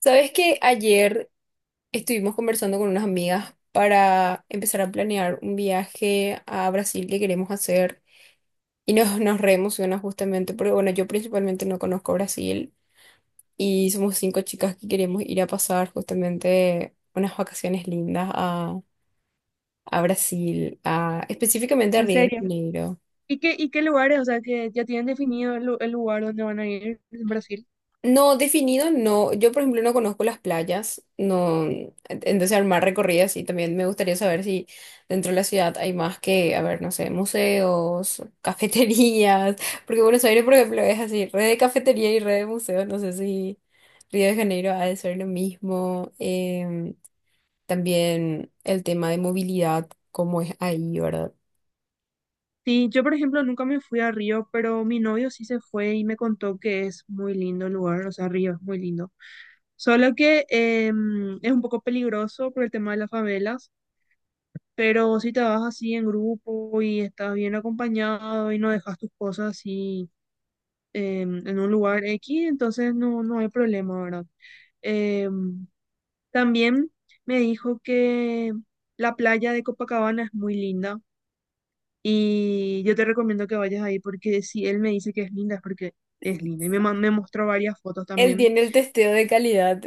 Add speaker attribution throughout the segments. Speaker 1: Sabes que ayer estuvimos conversando con unas amigas para empezar a planear un viaje a Brasil que queremos hacer y nos re emociona justamente porque, bueno, yo principalmente no conozco Brasil y somos 5 chicas que queremos ir a pasar justamente unas vacaciones lindas a Brasil, a, específicamente a
Speaker 2: En
Speaker 1: Río de
Speaker 2: serio.
Speaker 1: Janeiro.
Speaker 2: Y qué lugares? O sea, ¿que ya tienen definido el, el lugar donde van a ir en Brasil?
Speaker 1: No, definido no. Yo, por ejemplo, no conozco las playas. No, entonces armar recorridas y también me gustaría saber si dentro de la ciudad hay más que, a ver, no sé, museos, cafeterías. Porque Buenos Aires, por ejemplo, es así, red de cafetería y red de museos. No sé si Río de Janeiro ha de ser lo mismo. También el tema de movilidad, cómo es ahí, ¿verdad?
Speaker 2: Sí, yo por ejemplo nunca me fui a Río, pero mi novio sí se fue y me contó que es muy lindo el lugar, o sea, Río es muy lindo. Solo que es un poco peligroso por el tema de las favelas, pero si te vas así en grupo y estás bien acompañado y no dejas tus cosas así, en un lugar X, entonces no, no hay problema, ¿verdad? Em, También me dijo que la playa de Copacabana es muy linda y yo te recomiendo que vayas ahí, porque si él me dice que es linda es porque es linda. Y me mostró varias fotos
Speaker 1: Él
Speaker 2: también.
Speaker 1: tiene el testeo de calidad.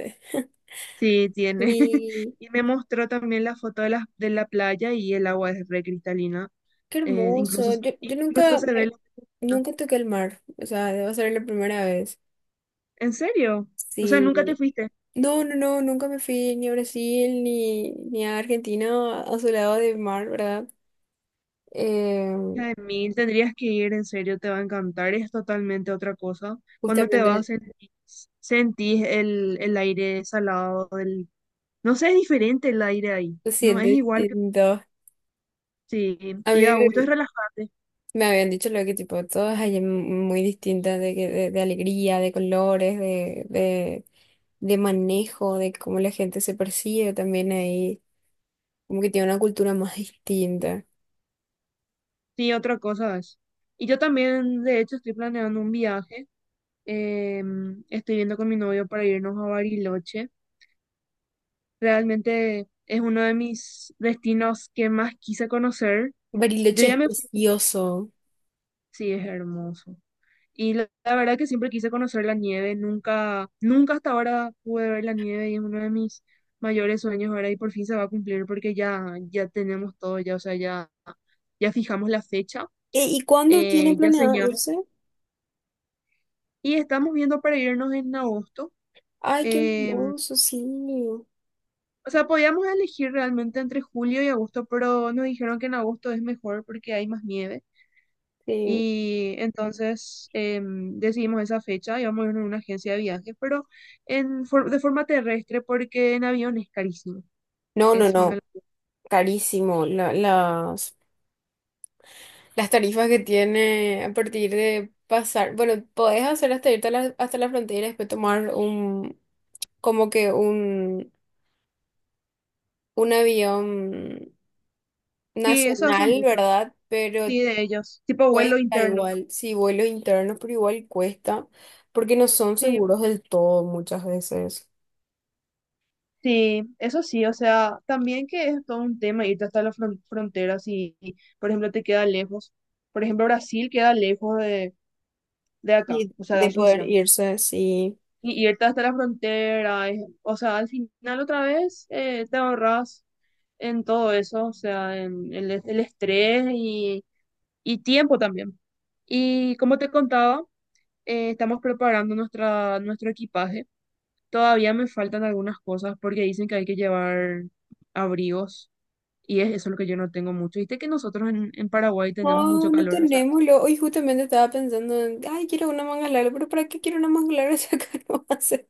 Speaker 2: Sí, tiene.
Speaker 1: Sí.
Speaker 2: Y me mostró también la foto de la playa y el agua es re cristalina.
Speaker 1: Qué
Speaker 2: Eh,
Speaker 1: hermoso.
Speaker 2: incluso,
Speaker 1: Yo
Speaker 2: incluso
Speaker 1: nunca,
Speaker 2: se ve los pececitos.
Speaker 1: nunca toqué el mar. O sea, debo ser la primera vez.
Speaker 2: ¿En serio? O sea, nunca te
Speaker 1: Sí.
Speaker 2: fuiste.
Speaker 1: No, no, no, nunca me fui ni a Brasil ni a Argentina a su lado de mar, ¿verdad? Eh,
Speaker 2: Jaimil, tendrías que ir, en serio, te va a encantar, es totalmente otra cosa. Cuando te vas,
Speaker 1: justamente
Speaker 2: sentís, sentís el aire salado del... No sé, es diferente el aire ahí,
Speaker 1: se
Speaker 2: no
Speaker 1: siente
Speaker 2: es igual que...
Speaker 1: distinto.
Speaker 2: Sí,
Speaker 1: A
Speaker 2: y
Speaker 1: mí
Speaker 2: da gusto, es
Speaker 1: me
Speaker 2: relajante,
Speaker 1: me habían dicho lo que tipo, todas allá muy distintas de alegría, de colores, de manejo, de cómo la gente se percibe también ahí. Como que tiene una cultura más distinta.
Speaker 2: sí, otra cosa es. Y yo también, de hecho, estoy planeando un viaje. Estoy viendo con mi novio para irnos a Bariloche. Realmente es uno de mis destinos que más quise conocer. Yo
Speaker 1: Bariloche
Speaker 2: ya
Speaker 1: es
Speaker 2: me fui,
Speaker 1: precioso.
Speaker 2: sí, es hermoso. Y la verdad que siempre quise conocer la nieve, nunca, nunca hasta ahora pude ver la nieve, y es uno de mis mayores sueños ahora y por fin se va a cumplir porque ya, ya tenemos todo, ya, o sea, ya, ya fijamos la fecha,
Speaker 1: ¿Y cuándo tienen
Speaker 2: ya
Speaker 1: planeado
Speaker 2: señamos
Speaker 1: irse?
Speaker 2: y estamos viendo para irnos en agosto.
Speaker 1: Ay, qué
Speaker 2: em,
Speaker 1: hermoso, sí.
Speaker 2: o sea, podíamos elegir realmente entre julio y agosto, pero nos dijeron que en agosto es mejor porque hay más nieve.
Speaker 1: Sí.
Speaker 2: Y entonces decidimos esa fecha. Íbamos a ir a una agencia de viajes, pero de forma terrestre, porque en avión es carísimo.
Speaker 1: No, no,
Speaker 2: Es una...
Speaker 1: no. Carísimo. Las tarifas que tiene a partir de pasar. Bueno, podés hacer hasta irte a hasta la frontera y después tomar un, como que un avión
Speaker 2: Sí, eso hacen
Speaker 1: nacional,
Speaker 2: muchos,
Speaker 1: ¿verdad? Pero
Speaker 2: sí, de ellos, tipo vuelo
Speaker 1: cuesta
Speaker 2: interno.
Speaker 1: igual, sí, vuelos internos, pero igual cuesta, porque no son
Speaker 2: Sí,
Speaker 1: seguros del todo muchas veces.
Speaker 2: sí, eso sí, o sea, también que es todo un tema irte hasta las fronteras y, por ejemplo, te queda lejos. Por ejemplo, Brasil queda lejos de acá,
Speaker 1: Y
Speaker 2: o sea, de
Speaker 1: de poder
Speaker 2: Asunción.
Speaker 1: irse así.
Speaker 2: Y irte hasta la frontera, o sea, al final otra vez te ahorras en todo eso, o sea, en el estrés y tiempo también. Y como te contaba, estamos preparando nuestra, nuestro equipaje. Todavía me faltan algunas cosas porque dicen que hay que llevar abrigos y es eso lo que yo no tengo mucho. Viste que nosotros en Paraguay tenemos
Speaker 1: No,
Speaker 2: mucho
Speaker 1: no
Speaker 2: calor, o sea,
Speaker 1: tenemos. Hoy justamente estaba pensando en, ay, quiero una manga larga, pero ¿para qué quiero una manga larga si acá no hace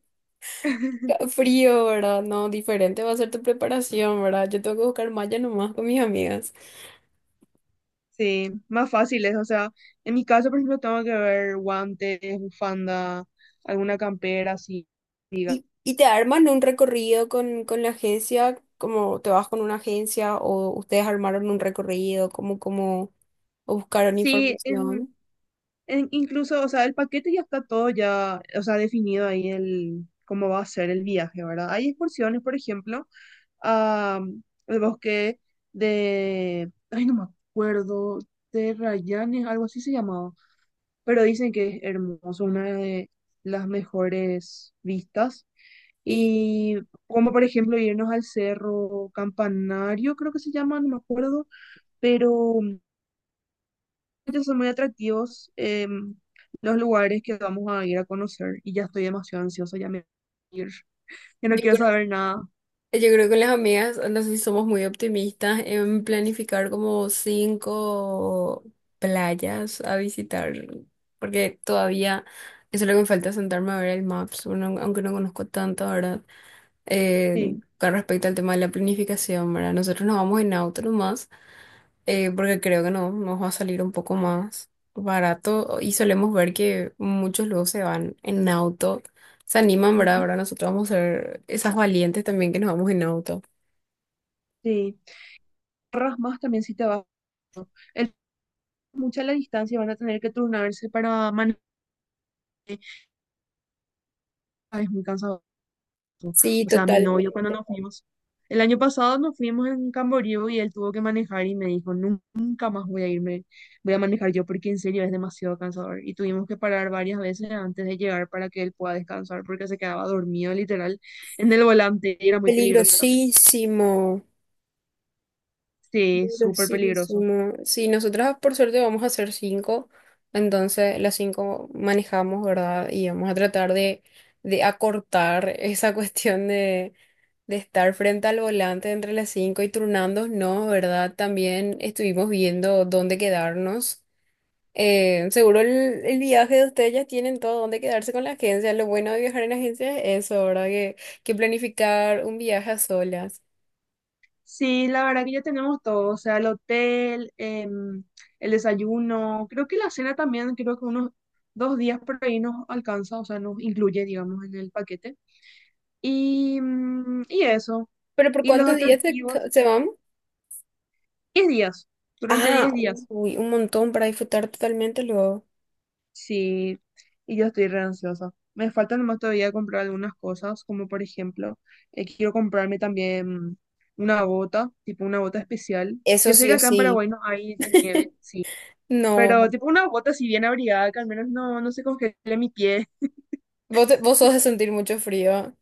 Speaker 1: frío, ¿verdad? No, diferente va a ser tu preparación, ¿verdad? Yo tengo que buscar malla nomás con mis amigas.
Speaker 2: sí, más fácil es, o sea, en mi caso, por ejemplo, tengo que ver guantes, bufanda, alguna campera, así. Diga.
Speaker 1: Y te arman un recorrido con la agencia, como te vas con una agencia o ustedes armaron un recorrido, o buscaron
Speaker 2: Sí,
Speaker 1: información.
Speaker 2: incluso, o sea, el paquete ya está todo ya, o sea, definido ahí el cómo va a ser el viaje, ¿verdad? Hay excursiones, por ejemplo, a el bosque de, ay, no me acuerdo, de Rayanes, algo así se llamaba, pero dicen que es hermoso, una de las mejores vistas.
Speaker 1: Sí,
Speaker 2: Y como por ejemplo irnos al cerro Campanario, creo que se llama, no me acuerdo, pero son muy atractivos los lugares que vamos a ir a conocer, y ya estoy demasiado ansiosa, ya me quiero ir. Ya no quiero
Speaker 1: Yo
Speaker 2: saber nada.
Speaker 1: yo creo que con las amigas, no sé si somos muy optimistas en planificar como 5 playas a visitar, porque todavía eso es lo que me falta sentarme a ver el maps, aunque no conozco tanto, ¿verdad?
Speaker 2: Sí,
Speaker 1: Con respecto al tema de la planificación, ¿verdad? Nosotros nos vamos en auto nomás, porque creo que no, nos va a salir un poco más barato y solemos ver que muchos luego se van en auto. Se animan, ¿verdad?
Speaker 2: ujú,
Speaker 1: Ahora nosotros vamos a ser esas valientes también que nos vamos en auto.
Speaker 2: sí. Ahorras más también si te vas. El, mucha la distancia, van a tener que turnarse para manejar. Ay, es muy cansado.
Speaker 1: Sí,
Speaker 2: O sea, mi novio cuando
Speaker 1: totalmente.
Speaker 2: nos fuimos, el año pasado nos fuimos en Camboriú y él tuvo que manejar y me dijo, Nunca más voy a irme, voy a manejar yo, porque en serio es demasiado cansador". Y tuvimos que parar varias veces antes de llegar para que él pueda descansar porque se quedaba dormido literal en el volante y era muy peligroso también.
Speaker 1: Peligrosísimo.
Speaker 2: Sí, súper peligroso.
Speaker 1: Peligrosísimo. Sí, nosotras por suerte vamos a ser 5, entonces las 5 manejamos, ¿verdad? Y vamos a tratar de acortar esa cuestión de estar frente al volante entre las 5 y turnándonos, ¿verdad? También estuvimos viendo dónde quedarnos. Eh, seguro el viaje de ustedes ya tienen todo donde quedarse con la agencia. Lo bueno de viajar en agencia es eso, ¿verdad? Que planificar un viaje a solas.
Speaker 2: Sí, la verdad que ya tenemos todo, o sea, el hotel, el desayuno, creo que la cena también, creo que unos dos días por ahí nos alcanza, o sea, nos incluye, digamos, en el paquete. Y, y eso.
Speaker 1: ¿Pero por
Speaker 2: Y los
Speaker 1: cuántos días
Speaker 2: atractivos.
Speaker 1: se van?
Speaker 2: 10 días. Durante
Speaker 1: Ah,
Speaker 2: 10 días.
Speaker 1: uy, un montón para disfrutar totalmente luego.
Speaker 2: Sí. Y yo estoy re ansiosa. Me falta nomás todavía comprar algunas cosas, como por ejemplo, quiero comprarme también una bota, tipo una bota especial.
Speaker 1: Eso
Speaker 2: Ya sé
Speaker 1: sí
Speaker 2: que
Speaker 1: o
Speaker 2: acá en
Speaker 1: sí.
Speaker 2: Paraguay no hay de nieve, sí. Pero
Speaker 1: No,
Speaker 2: tipo una bota así bien abrigada, que al menos no, no se congele mi pie.
Speaker 1: vos sos de sentir mucho frío.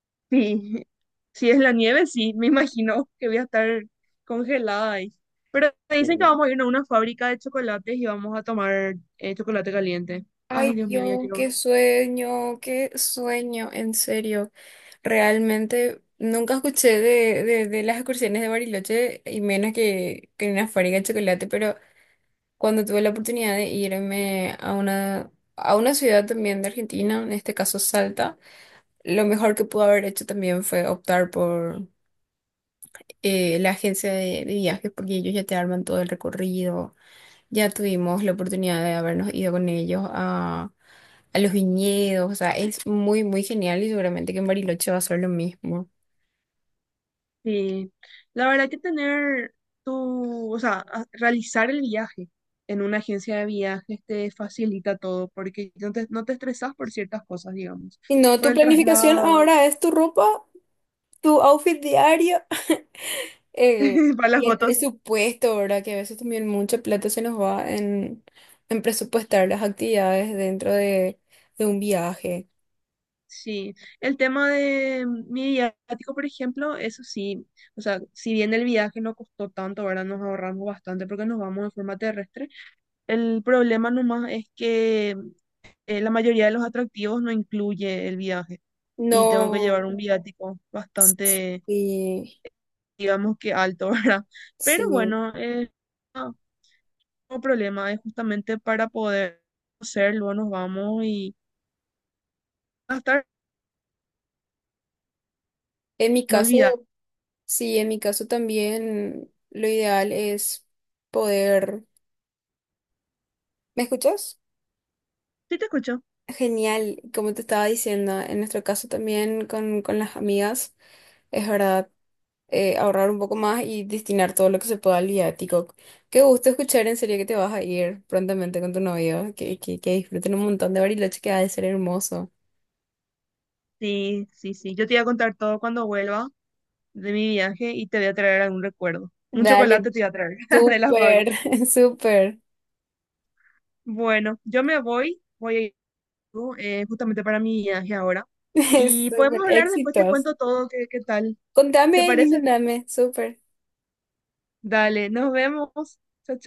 Speaker 2: Sí. Si es la nieve, sí, me imagino que voy a estar congelada ahí. Pero me dicen que vamos a ir a una fábrica de chocolates y vamos a tomar chocolate caliente.
Speaker 1: Ay
Speaker 2: Ay, Dios mío, ya
Speaker 1: Dios,
Speaker 2: quiero.
Speaker 1: qué sueño, en serio. Realmente nunca escuché de las excursiones de Bariloche y menos que una fábrica de chocolate, pero cuando tuve la oportunidad de irme a una ciudad también de Argentina, en este caso Salta, lo mejor que pude haber hecho también fue optar por la agencia de viajes porque ellos ya te arman todo el recorrido ya tuvimos la oportunidad de habernos ido con ellos a los viñedos, o sea, es muy, muy genial y seguramente que en Bariloche va a ser lo mismo.
Speaker 2: Sí, la verdad que tener tu, o sea, realizar el viaje en una agencia de viajes te facilita todo, porque no te, no te estresas por ciertas cosas, digamos,
Speaker 1: Y no,
Speaker 2: por
Speaker 1: tu
Speaker 2: el
Speaker 1: planificación
Speaker 2: traslado,
Speaker 1: ahora es tu ropa, tu outfit diario eh,
Speaker 2: para las
Speaker 1: y el
Speaker 2: fotos.
Speaker 1: presupuesto, ¿verdad? Que a veces también mucha plata se nos va en presupuestar las actividades dentro de un viaje.
Speaker 2: Sí, el tema de mi viático, por ejemplo, eso sí, o sea, si bien el viaje no costó tanto, ahora nos ahorramos bastante porque nos vamos de forma terrestre. El problema nomás es que la mayoría de los atractivos no incluye el viaje, y tengo que
Speaker 1: No,
Speaker 2: llevar un viático bastante,
Speaker 1: sí,
Speaker 2: digamos que alto, ¿verdad? Pero
Speaker 1: sí.
Speaker 2: bueno, no, no problema, es justamente para poder hacerlo, nos vamos y gastar,
Speaker 1: En mi
Speaker 2: no olvidar.
Speaker 1: caso, sí, en mi caso también lo ideal es poder... ¿Me escuchas?
Speaker 2: Sí, te escucho.
Speaker 1: Genial, como te estaba diciendo, en nuestro caso también con las amigas, es verdad, ahorrar un poco más y destinar todo lo que se pueda al viático. Qué gusto escuchar, en serio que te vas a ir prontamente con tu novio, que disfruten un montón de Bariloche, que ha de ser hermoso.
Speaker 2: Sí, sí, sí. Yo te voy a contar todo cuando vuelva de mi viaje y te voy a traer algún recuerdo. Un
Speaker 1: Dale,
Speaker 2: chocolate te voy a traer de la
Speaker 1: súper,
Speaker 2: fábrica.
Speaker 1: súper,
Speaker 2: Bueno, yo me voy, voy a ir justamente para mi viaje ahora. Y
Speaker 1: súper,
Speaker 2: podemos hablar después, te
Speaker 1: éxitos.
Speaker 2: cuento todo, qué, qué tal. ¿Te
Speaker 1: Contame y
Speaker 2: parece?
Speaker 1: mandame, súper.
Speaker 2: Dale, nos vemos. Chao,